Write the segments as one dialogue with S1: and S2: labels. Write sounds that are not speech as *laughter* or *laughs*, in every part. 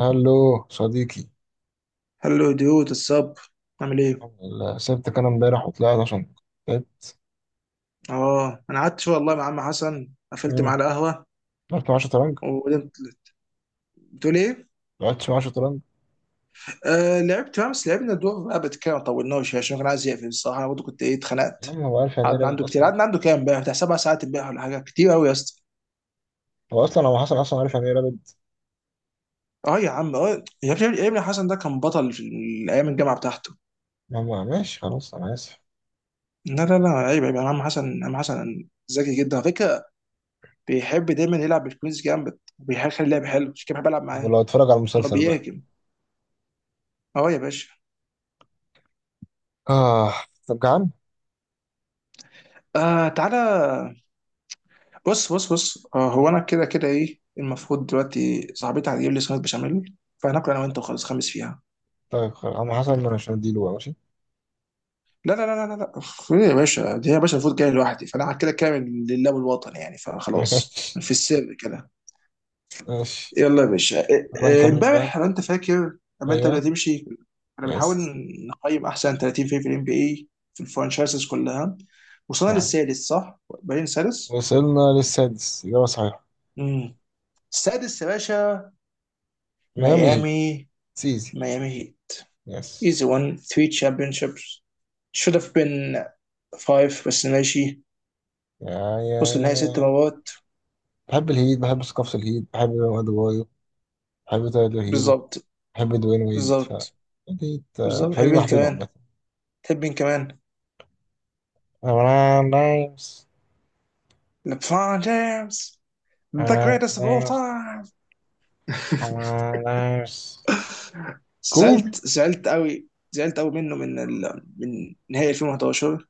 S1: الو صديقي.
S2: هلو ديوت الصب. عامل ايه؟
S1: الحمد لله، سبتك انا امبارح وطلعت عشان تعبت.
S2: اه انا قعدت شويه والله مع عم حسن، قفلت معاه
S1: امم
S2: القهوه
S1: رحت مع شطرنج،
S2: وقلت. بتقول ايه؟
S1: لعبت مع شطرنج.
S2: آه لعبت بقى، بس لعبنا دور رابط كده ما طولناش عشان كان عايز يقفل الصراحه، انا برضه كنت
S1: يا
S2: اتخنقت.
S1: عم، هو عارف يعني ايه
S2: قعدنا
S1: رابد
S2: عنده كتير،
S1: اصلا؟
S2: قعدنا عنده كام امبارح؟ بتاع 7 ساعات امبارح ولا حاجه، كتير قوي يا اسطى.
S1: هو حسن اصلا عارف يعني ايه رابد؟
S2: اه يا عم، اه يا ابني، يا ابني حسن ده كان بطل في ايام الجامعه بتاعته.
S1: ما هو ماشي، خلاص انا اسف.
S2: لا لا لا، عيب عيب يعني، عم حسن، عم حسن ذكي جدا على فكره. بيحب دايما يلعب بالكويز جامد وبيخلي اللعب حلو، عشان كده بحب العب معاه.
S1: ولو اتفرج على
S2: إن هو
S1: المسلسل بقى.
S2: بيهاجم. اه يا باشا.
S1: اه. طب جعان؟
S2: آه تعالى. بص بص بص، هو انا كده كده ايه المفروض دلوقتي، صاحبتي هتجيب لي صينيه بشاميل فهناكل انا وانت وخلاص خمس فيها.
S1: طيب خلاص، عم حسن انا مش هديله بقى، ماشي.
S2: لا لا لا لا لا، أخ، ايه يا باشا، دي يا باشا المفروض جاي لوحدي، فانا كده كامل لله والوطن يعني، فخلاص
S1: *laughs*
S2: في السر كده.
S1: ماشي.
S2: يلا يا باشا،
S1: تعالى
S2: إيه،
S1: نكمل
S2: امبارح
S1: بقى.
S2: لو انت فاكر لما انت
S1: ايوه.
S2: بدأت تمشي. انا بنحاول
S1: يس.
S2: نقيم احسن 30 فريق في الام بي اي، في الفرانشايزز كلها. وصلنا
S1: نعم،
S2: للسادس صح؟ باين سادس؟
S1: وصلنا للسادس، اجابه صحيحه.
S2: امم السادس يا باشا.
S1: ميامي هيت.
S2: ميامي.
S1: سيزي.
S2: Miami Heat,
S1: يس.
S2: easy one three championships, should have been five. بس ماشي.
S1: يا، يا،
S2: وصلوا النهائي ست
S1: يا.
S2: مرات
S1: بحب الهيد، بحب ثقافة الهيد، بحب أدوايو، بحب تايلر هيرو،
S2: بالظبط.
S1: بحب دوين ويد، ف
S2: بالظبط.
S1: الهيد آه،
S2: بالظبط، تحب
S1: فريق
S2: مين
S1: محبوب
S2: كمان؟
S1: عامة.
S2: تحب مين كمان؟
S1: أمران نايمس.
S2: لبرون جيمس، ذا
S1: أمران
S2: greatest of all
S1: نايمس.
S2: time. *laughs*
S1: أمران نايمس.
S2: *applause* زعلت،
S1: كوبي.
S2: زعلت قوي، زعلت قوي منه، من من نهائي 2011.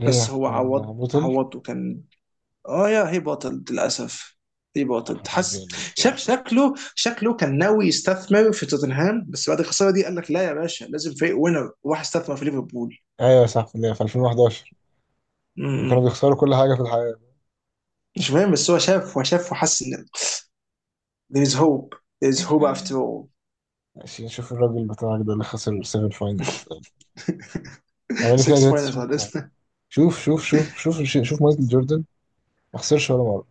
S1: ليه؟
S2: بس هو
S1: عشان
S2: عوض،
S1: بوتل.
S2: عوض وكان. اه يا هي بطل للاسف، هي
S1: يا
S2: بطل
S1: حبيبي، يا
S2: حس. شاف
S1: للدرجة.
S2: شكله كان ناوي يستثمر في توتنهام، بس بعد الخساره دي قال لك لا يا باشا، لازم فريق وينر، راح استثمر في ليفربول.
S1: أيوة صح، في 2011 كانوا
S2: امم
S1: بيخسروا كل حاجة في الحياة.
S2: مش فاهم، بس هو شاف وحس ان there is hope, there is hope after all.
S1: ماشي، نشوف الراجل بتاعك ده اللي خسر 7 فاينلز،
S2: *laughs*
S1: عمال فيها
S2: six
S1: جريتس.
S2: finals on this.
S1: شوف شوف شوف شوف، شوف مايكل جوردن، ما خسرش ولا مرة.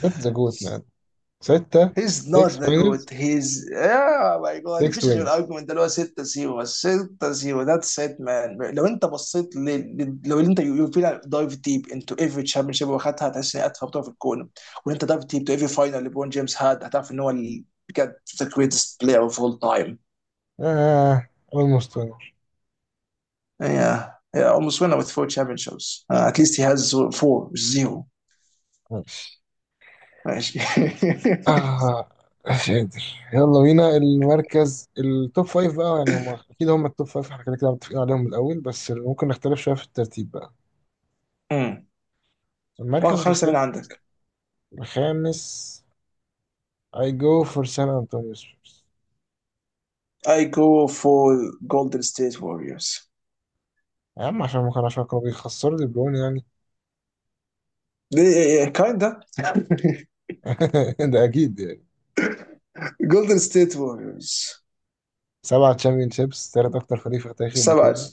S1: ده ذا جوت. ستة.
S2: هيز نوت
S1: 6
S2: ذا
S1: فاينلز،
S2: جوت، هيز يا ماي جاد.
S1: 6
S2: مفيش غير
S1: وينز.
S2: الارجيومنت اللي هو 6 0 6 0، ذاتس ات مان. لو انت بصيت لو انت، يو فيل دايف ديب انتو ايفري تشامبيون شيب واخدها، هتحس ان هي اتفه بطوله في الكون. وان انت دايف ديب تو ايفري فاينل ليبرون جيمس هاد، هتعرف ان هو بجد ذا جريتست بلاير اوف اول تايم.
S1: آه، almost winner.
S2: يا almost winner with four championships, at least he has four مش zero.
S1: ماشي.
S2: ماشي. *laughs*
S1: آه، مش قادر. يلا بينا المركز التوب فايف بقى. يعني هم أكيد هم التوب فايف، احنا كده كده متفقين عليهم من الأول، بس ممكن نختلف شوية في الترتيب بقى.
S2: امم واخد
S1: المركز
S2: خمسه من
S1: الخامس.
S2: عندك.
S1: الخامس. I go for San Antonio Spurs.
S2: I go for Golden State Warriors.
S1: يا عم، عشان كانوا بيخسروا دي بروين يعني.
S2: إيه، إيه، كايندا. *laughs*
S1: *laughs* ده أكيد يعني.
S2: جولدن ستيت ووريرز. *laughs*
S1: 7 تشامبيون شيبس، تالت أكتر فريق في تاريخ
S2: سبعة
S1: البطولة.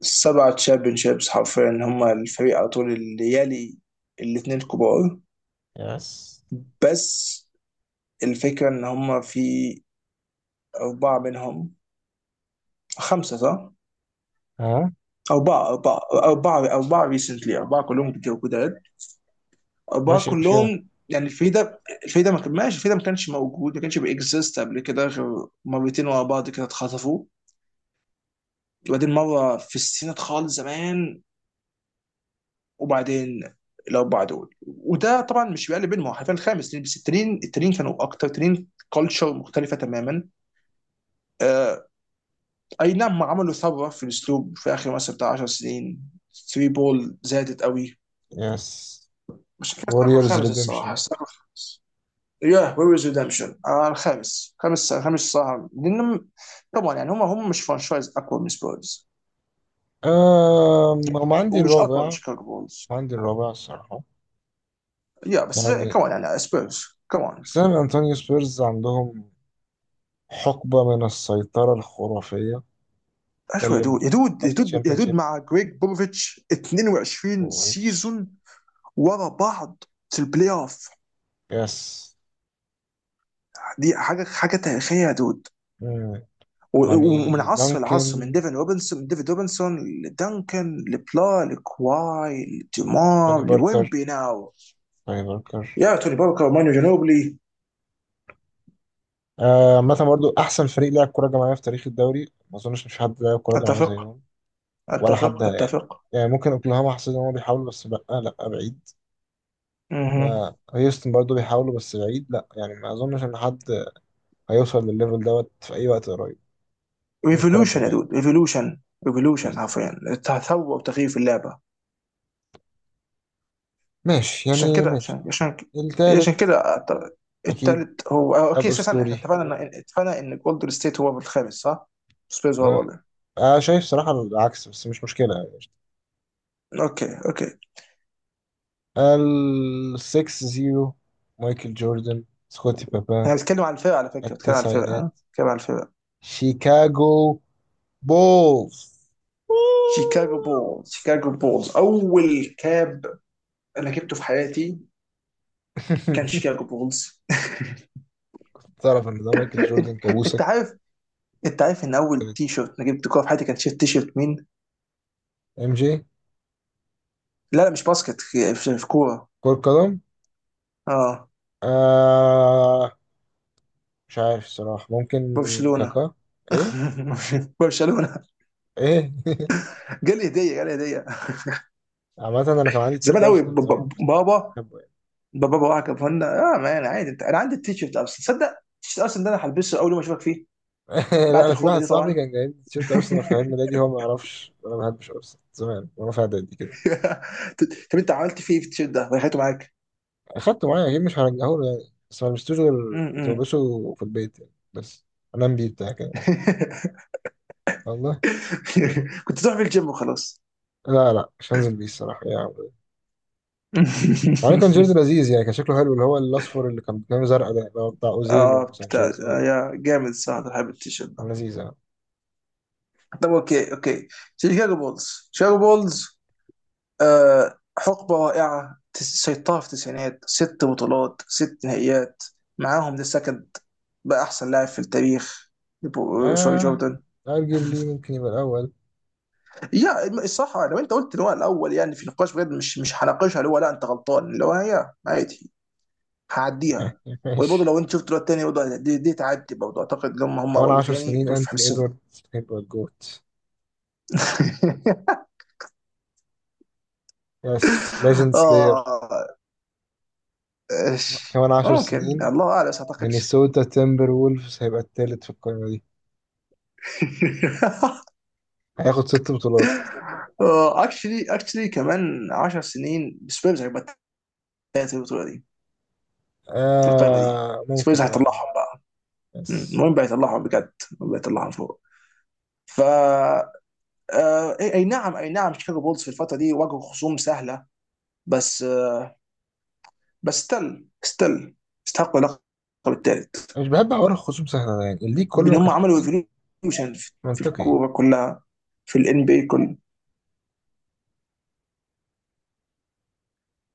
S2: سبعة تشامبيون شيبس حرفيا، هم الفريق على طول اللي يلي الاثنين الكبار.
S1: يس.
S2: بس الفكرة ان هم في أربعة منهم، خمسة صح؟
S1: ها.
S2: أربعة، أربعة، أربعة، أربعة ريسنتلي، أربعة كلهم جداد. أربعة
S1: ماشي مش كده.
S2: كلهم يعني، الفريق ده، الفريق ده ما كان ماشي، الفريق ده ما كانش موجود، ما كانش بيكزيست قبل كده غير مرتين ورا بعض كده اتخطفوا. وبعدين مرة في السنة خالص زمان، وبعدين الاربعه دول. وده طبعا مش بيقلب بينهم، هو حرفيا الخامس لأن بس التنين، التنين كانوا اكتر، تنين كلتشر مختلفه تماما. آه، اي نعم، عملوا ثوره في الاسلوب في اخر مثلا بتاع 10 سنين. 3 بول زادت قوي.
S1: يس.
S2: مش فاكر الساق
S1: ووريرز
S2: الخامس الصراحه،
S1: ريديمشن.
S2: الساق الخامس. يا وي ويز ريدمشن. آه الخامس، خامس خامس صراحه لان طبعا يعني، هم هم مش فرانشايز اقوى من سبيرز،
S1: أم هم عندي
S2: ومش اقوى من
S1: الرابع
S2: شيكاغو بولز.
S1: عندي الرابع الصراحة.
S2: يا بس
S1: يعني
S2: كمان يعني سبيرز كمان.
S1: سان أنطونيو سبيرز عندهم حقبة من السيطرة الخرافية.
S2: اشوى يا
S1: اتكلم.
S2: دود، يا دود، يا
S1: خمسة
S2: دود، يا
S1: تشامبيون
S2: دود،
S1: شيبس
S2: مع جريج بوبوفيتش 22
S1: واتش.
S2: سيزون ورا بعض في البلاي اوف.
S1: يس.
S2: دي حاجه، حاجه تاريخيه يا دود.
S1: مم. يعني
S2: ومن عصر لعصر، من
S1: دانكن.
S2: ديفن روبنسون من ديفيد روبنسون، لدنكن، لبلا لكواي،
S1: توني
S2: لديمار، لويمبي
S1: باركر،
S2: ناو.
S1: توني باركر.
S2: يا توني باركر، مانو جنوبلي.
S1: آه، عامة برضو أحسن فريق لعب كرة جماعية في تاريخ الدوري، ما أظنش إن في حد لعب كرة جماعية
S2: اتفق،
S1: زيهم ولا حد
S2: اتفق،
S1: يعني.
S2: اتفق.
S1: يعني ممكن أوكلاهاما، حسيت إن هم بيحاولوا، بس لأ لأ بعيد. ما هيوستن برضه بيحاولوا، بس بعيد، لا يعني، ما اظنش ان حد هيوصل للليفل دوت في اي وقت قريب من الكرة
S2: ريفولوشن يا
S1: الجماعية.
S2: دود، ريفولوشن. ريفولوشن
S1: يس.
S2: حرفيا، تثور وتغيير في اللعبه.
S1: ماشي
S2: عشان
S1: يعني،
S2: كده
S1: ماشي.
S2: عشان عشان عشان
S1: التالت.
S2: كده
S1: اكيد،
S2: التالت هو، أو اوكي، اساسا احنا
S1: الاسطوري.
S2: اتفقنا ان، جولدن ستيت هو الخامس صح؟ سبيرز هو
S1: أه،
S2: الرابع.
S1: انا شايف صراحة العكس، بس مش مشكلة يعني.
S2: اوكي اوكي.
S1: السكس زيرو. مايكل جوردن، سكوتي بابا.
S2: انا بتكلم على الفرق على فكره، بتكلم على الفرق،
S1: التسعينات.
S2: ها، بتكلم على الفرق.
S1: شيكاغو بولز.
S2: شيكاغو بولز. شيكاغو بولز اول كاب انا جبته في حياتي كان
S1: *laughs*
S2: شيكاغو بولز.
S1: تعرف ان ده مايكل
S2: *laughs* انت،
S1: جوردن
S2: أنت
S1: كابوسك؟
S2: عارف، انت عارف ان اول تي شيرت انا جبت كوره في حياتي كان تي شيرت مين؟
S1: ام جي.
S2: لا لا مش باسكت، في في كوره.
S1: كرة قدم.
S2: اه،
S1: آه، مش عارف الصراحة، ممكن.
S2: برشلونه.
S1: كاكا. ايه؟
S2: *laughs* برشلونه.
S1: ايه؟
S2: جالي هديه، جالي هديه.
S1: *laughs* عامة انا كان عندي تيشيرت
S2: زمان قوي،
S1: ارسنال زمان، بس مش
S2: بابا.
S1: بحبه يعني.
S2: بابا، بابا كان فن. اه مان عادي، انت، انا عندي التيشيرت اصلا، تصدق التيشيرت اصلا ده انا هلبسه اول يوم اشوفك فيه.
S1: *laughs* لا،
S2: بعد
S1: انا في
S2: الخروجه
S1: واحد
S2: دي
S1: صاحبي
S2: طبعا.
S1: كان جايب لي تيشيرت ارسنال في عيد ميلادي، هو ما يعرفش انا ما بحبش ارسنال زمان، وانا في اعدادي كده.
S2: *laughs* طب انت عملت فيه إيه في التيشيرت ده وريحته معاك؟
S1: اخدته معايا اكيد، مش هرجعه له يعني، بس ما لبستوش،
S2: م-
S1: غير كنت
S2: م.
S1: بلبسه في البيت يعني، بس انام بيه بتاع كده.
S2: *laughs*
S1: والله.
S2: كنت تروح في الجيم وخلاص.
S1: لا لا، مش هنزل بيه الصراحة يعني. عليه كان جيرد
S2: *laughs*
S1: لذيذ يعني، كان شكله حلو، اللي هو الاصفر اللي كان بتنام زرقاء، ده اللي هو بتاع اوزيل
S2: اه بتاع،
S1: وسانشيز، هو
S2: آه،
S1: ده
S2: يا جامد صح، انا بحب التيشيرت
S1: كان
S2: ده.
S1: لذيذ يعني.
S2: طب اوكي اوكي، شيكاغو بولز. شيكاغو بولز، آه حقبة رائعة، سيطرة في التسعينات، 6 بطولات، 6 نهائيات معاهم ذا سكند بقى أحسن لاعب في التاريخ، سوري،
S1: آه،
S2: جوردن.
S1: أرجبلي ممكن يبقى الأول.
S2: يا الصراحة لو أنت قلت إن هو الأول يعني في نقاش بجد، مش، مش هناقشها، اللي هو لا أنت غلطان، اللي هو هي عادي، هعديها.
S1: *laughs*
S2: وبرضه
S1: ماشي.
S2: لو أنت شفت الواد التاني برضه، دي تعدي، برضه أعتقد إن هم، هم
S1: كمان
S2: أول
S1: عشر
S2: وتاني
S1: سنين
S2: دول في
S1: أنتوني
S2: حسابهم.
S1: إدواردز هيبقى الجوت.
S2: *laughs*
S1: يس، ليجند سلاير.
S2: آه، إيش
S1: كمان عشر
S2: ممكن،
S1: سنين
S2: الله أعلم بس ما أعتقدش.
S1: مينيسوتا تيمبر وولفز هيبقى التالت في القائمة دي،
S2: *laughs*
S1: هياخد 6 بطولات.
S2: آه، اكشلي كمان 10 سنين سبيرز هيبقى الثالث في البطوله دي، في القائمه دي.
S1: آه
S2: سبيرز
S1: ممكن، اه فعلا.
S2: هيطلعهم بقى.
S1: بس
S2: المهم بقى يطلعهم بجد، بقى يطلعهم فوق. ف آه، أي نعم، اي نعم، شيكاغو بولز في الفتره دي واجهوا خصوم سهله. بس آه، بس ستيل، ستيل استحقوا اللقب الثالث
S1: مش بحب حوار الخصوم سهلة ده، يعني الليج كله
S2: بان
S1: ما
S2: هم
S1: كانش
S2: عملوا
S1: فيه.
S2: ايفولوشن في في
S1: منطقي.
S2: الكوره كلها، في الان بي كله.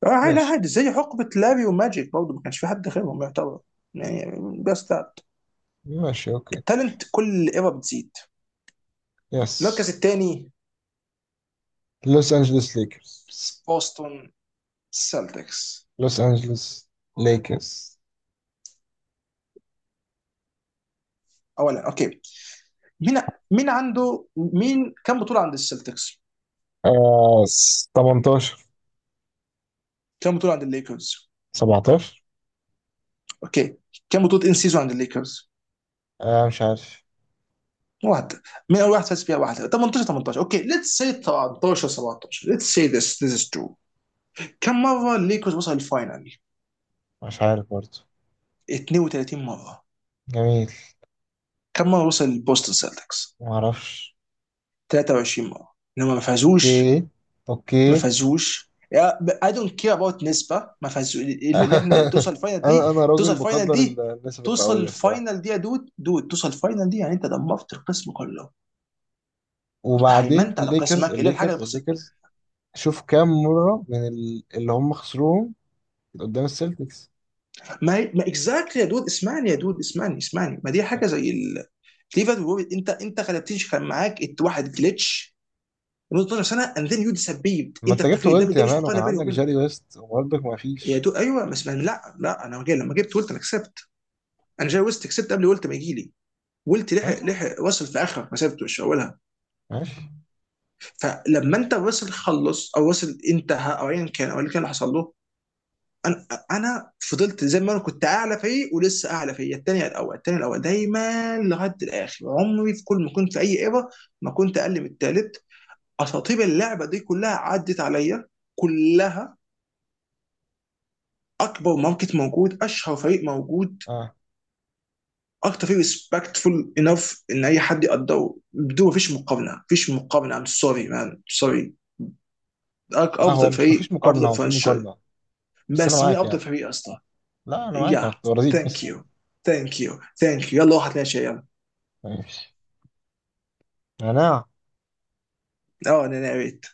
S2: آه لا
S1: ماشي.
S2: عادي، زي حقبه لاري وماجيك برضه ما كانش في حد غيرهم يعتبر يعني. بس ده
S1: ماشي اوكي.
S2: التالنت كل ايرا بتزيد. المركز
S1: يس.
S2: الثاني،
S1: لوس انجلوس ليكرز.
S2: بوسطن سيلتكس.
S1: لوس انجلوس ليكرز.
S2: اولا اوكي، مين مين عنده مين كم بطوله عند السلتكس؟
S1: آه، 18.
S2: كم بطوله عند الليكرز؟
S1: 17.
S2: اوكي، كم بطوله ان سيزون عند الليكرز؟
S1: آه، مش عارف.
S2: واحده، من اول واحد فاز فيها واحده، 18، 18، اوكي ليتس سي، 13، 17، ليتس سي ذس، ذس از ترو. كم مره الليكرز وصل الفاينل؟
S1: مش عارف برضه.
S2: 32 مره.
S1: جميل.
S2: كم مره وصل البوستن سيلتكس؟
S1: معرفش.
S2: 23 مره لما ما فازوش.
S1: اوكي.
S2: ما
S1: اوكي.
S2: فازوش، اي دونت كير اباوت نسبه ما فازوش، اللي، اللي احنا
S1: *laughs*
S2: توصل الفاينل دي.
S1: انا
S2: توصل
S1: راجل
S2: الفاينل
S1: بقدر
S2: دي،
S1: النسب
S2: توصل
S1: المئويه الصراحه.
S2: الفاينل دي يا دود، دود توصل الفاينل دي يعني، انت دمرت القسم كله، انت
S1: وبعدين
S2: هيمنت على
S1: الليكرز
S2: قسمك الا الحاجه اللي
S1: الليكرز
S2: بخسرها.
S1: الليكرز، شوف كام مره من اللي هم خسروهم قدام السلتكس.
S2: ما هي، ما اكزاكتلي يا دود، اسمعني يا دود، اسمعني، اسمعني. ما دي حاجه زي ال ليفربول وورد. انت، انت غلبتنيش، كان معاك واحد جلitch لمده 12 سنه، اند ذن يو ديسبيبد،
S1: ما
S2: انت
S1: انت جبت
S2: اختفيت. ده،
S1: ويلت
S2: ده
S1: يا
S2: مش
S1: مان، وكان
S2: مقارنه بيني
S1: عندك
S2: وبينك.
S1: جاري ويست وبرضك ما
S2: يا
S1: فيش.
S2: دود، ايوه بس لا لا انا جاي لما جبت قلت انا كسبت. انا جاي وسط كسبت قبل قلت ما يجي لي ولت، لحق،
S1: ماشي.
S2: لحق راسل في اخر مسيرته مش في اولها.
S1: ماشي.
S2: فلما انت راسل خلص، او راسل انتهى، او ايا كان، او اللي كان، اللي حصل له، انا، انا فضلت زي ما انا كنت اعلى فريق، ولسه اعلى فريق، الثاني الاول، الثاني الاول دايما لغايه الاخر، عمري في كل ما كنت في اي ايرا ما كنت اقل من الثالث. اساطير اللعبه دي كلها عدت عليا، كلها. اكبر ماركت موجود، اشهر فريق موجود،
S1: اه.
S2: اكتر فريق ريسبكتفول انف ان اي حد يقدره بدون، مفيش مقارنه، مفيش مقارنه. ام سوري مان، سوري،
S1: لا هو
S2: افضل
S1: مش ما فيش
S2: فريق،
S1: مقارنه،
S2: افضل
S1: هو في
S2: فرنشايز.
S1: مقارنه. بس انا
S2: بس مين
S1: معاك
S2: افضل
S1: يعني.
S2: فريق يا اسطى؟
S1: لا انا معاك،
S2: يا،
S1: انا كنت برازيل
S2: ثانك
S1: بس.
S2: يو، ثانك يو، ثانك يو، يلا واحد ماشي يلا.
S1: ماشي. انا
S2: اه انا ناريت.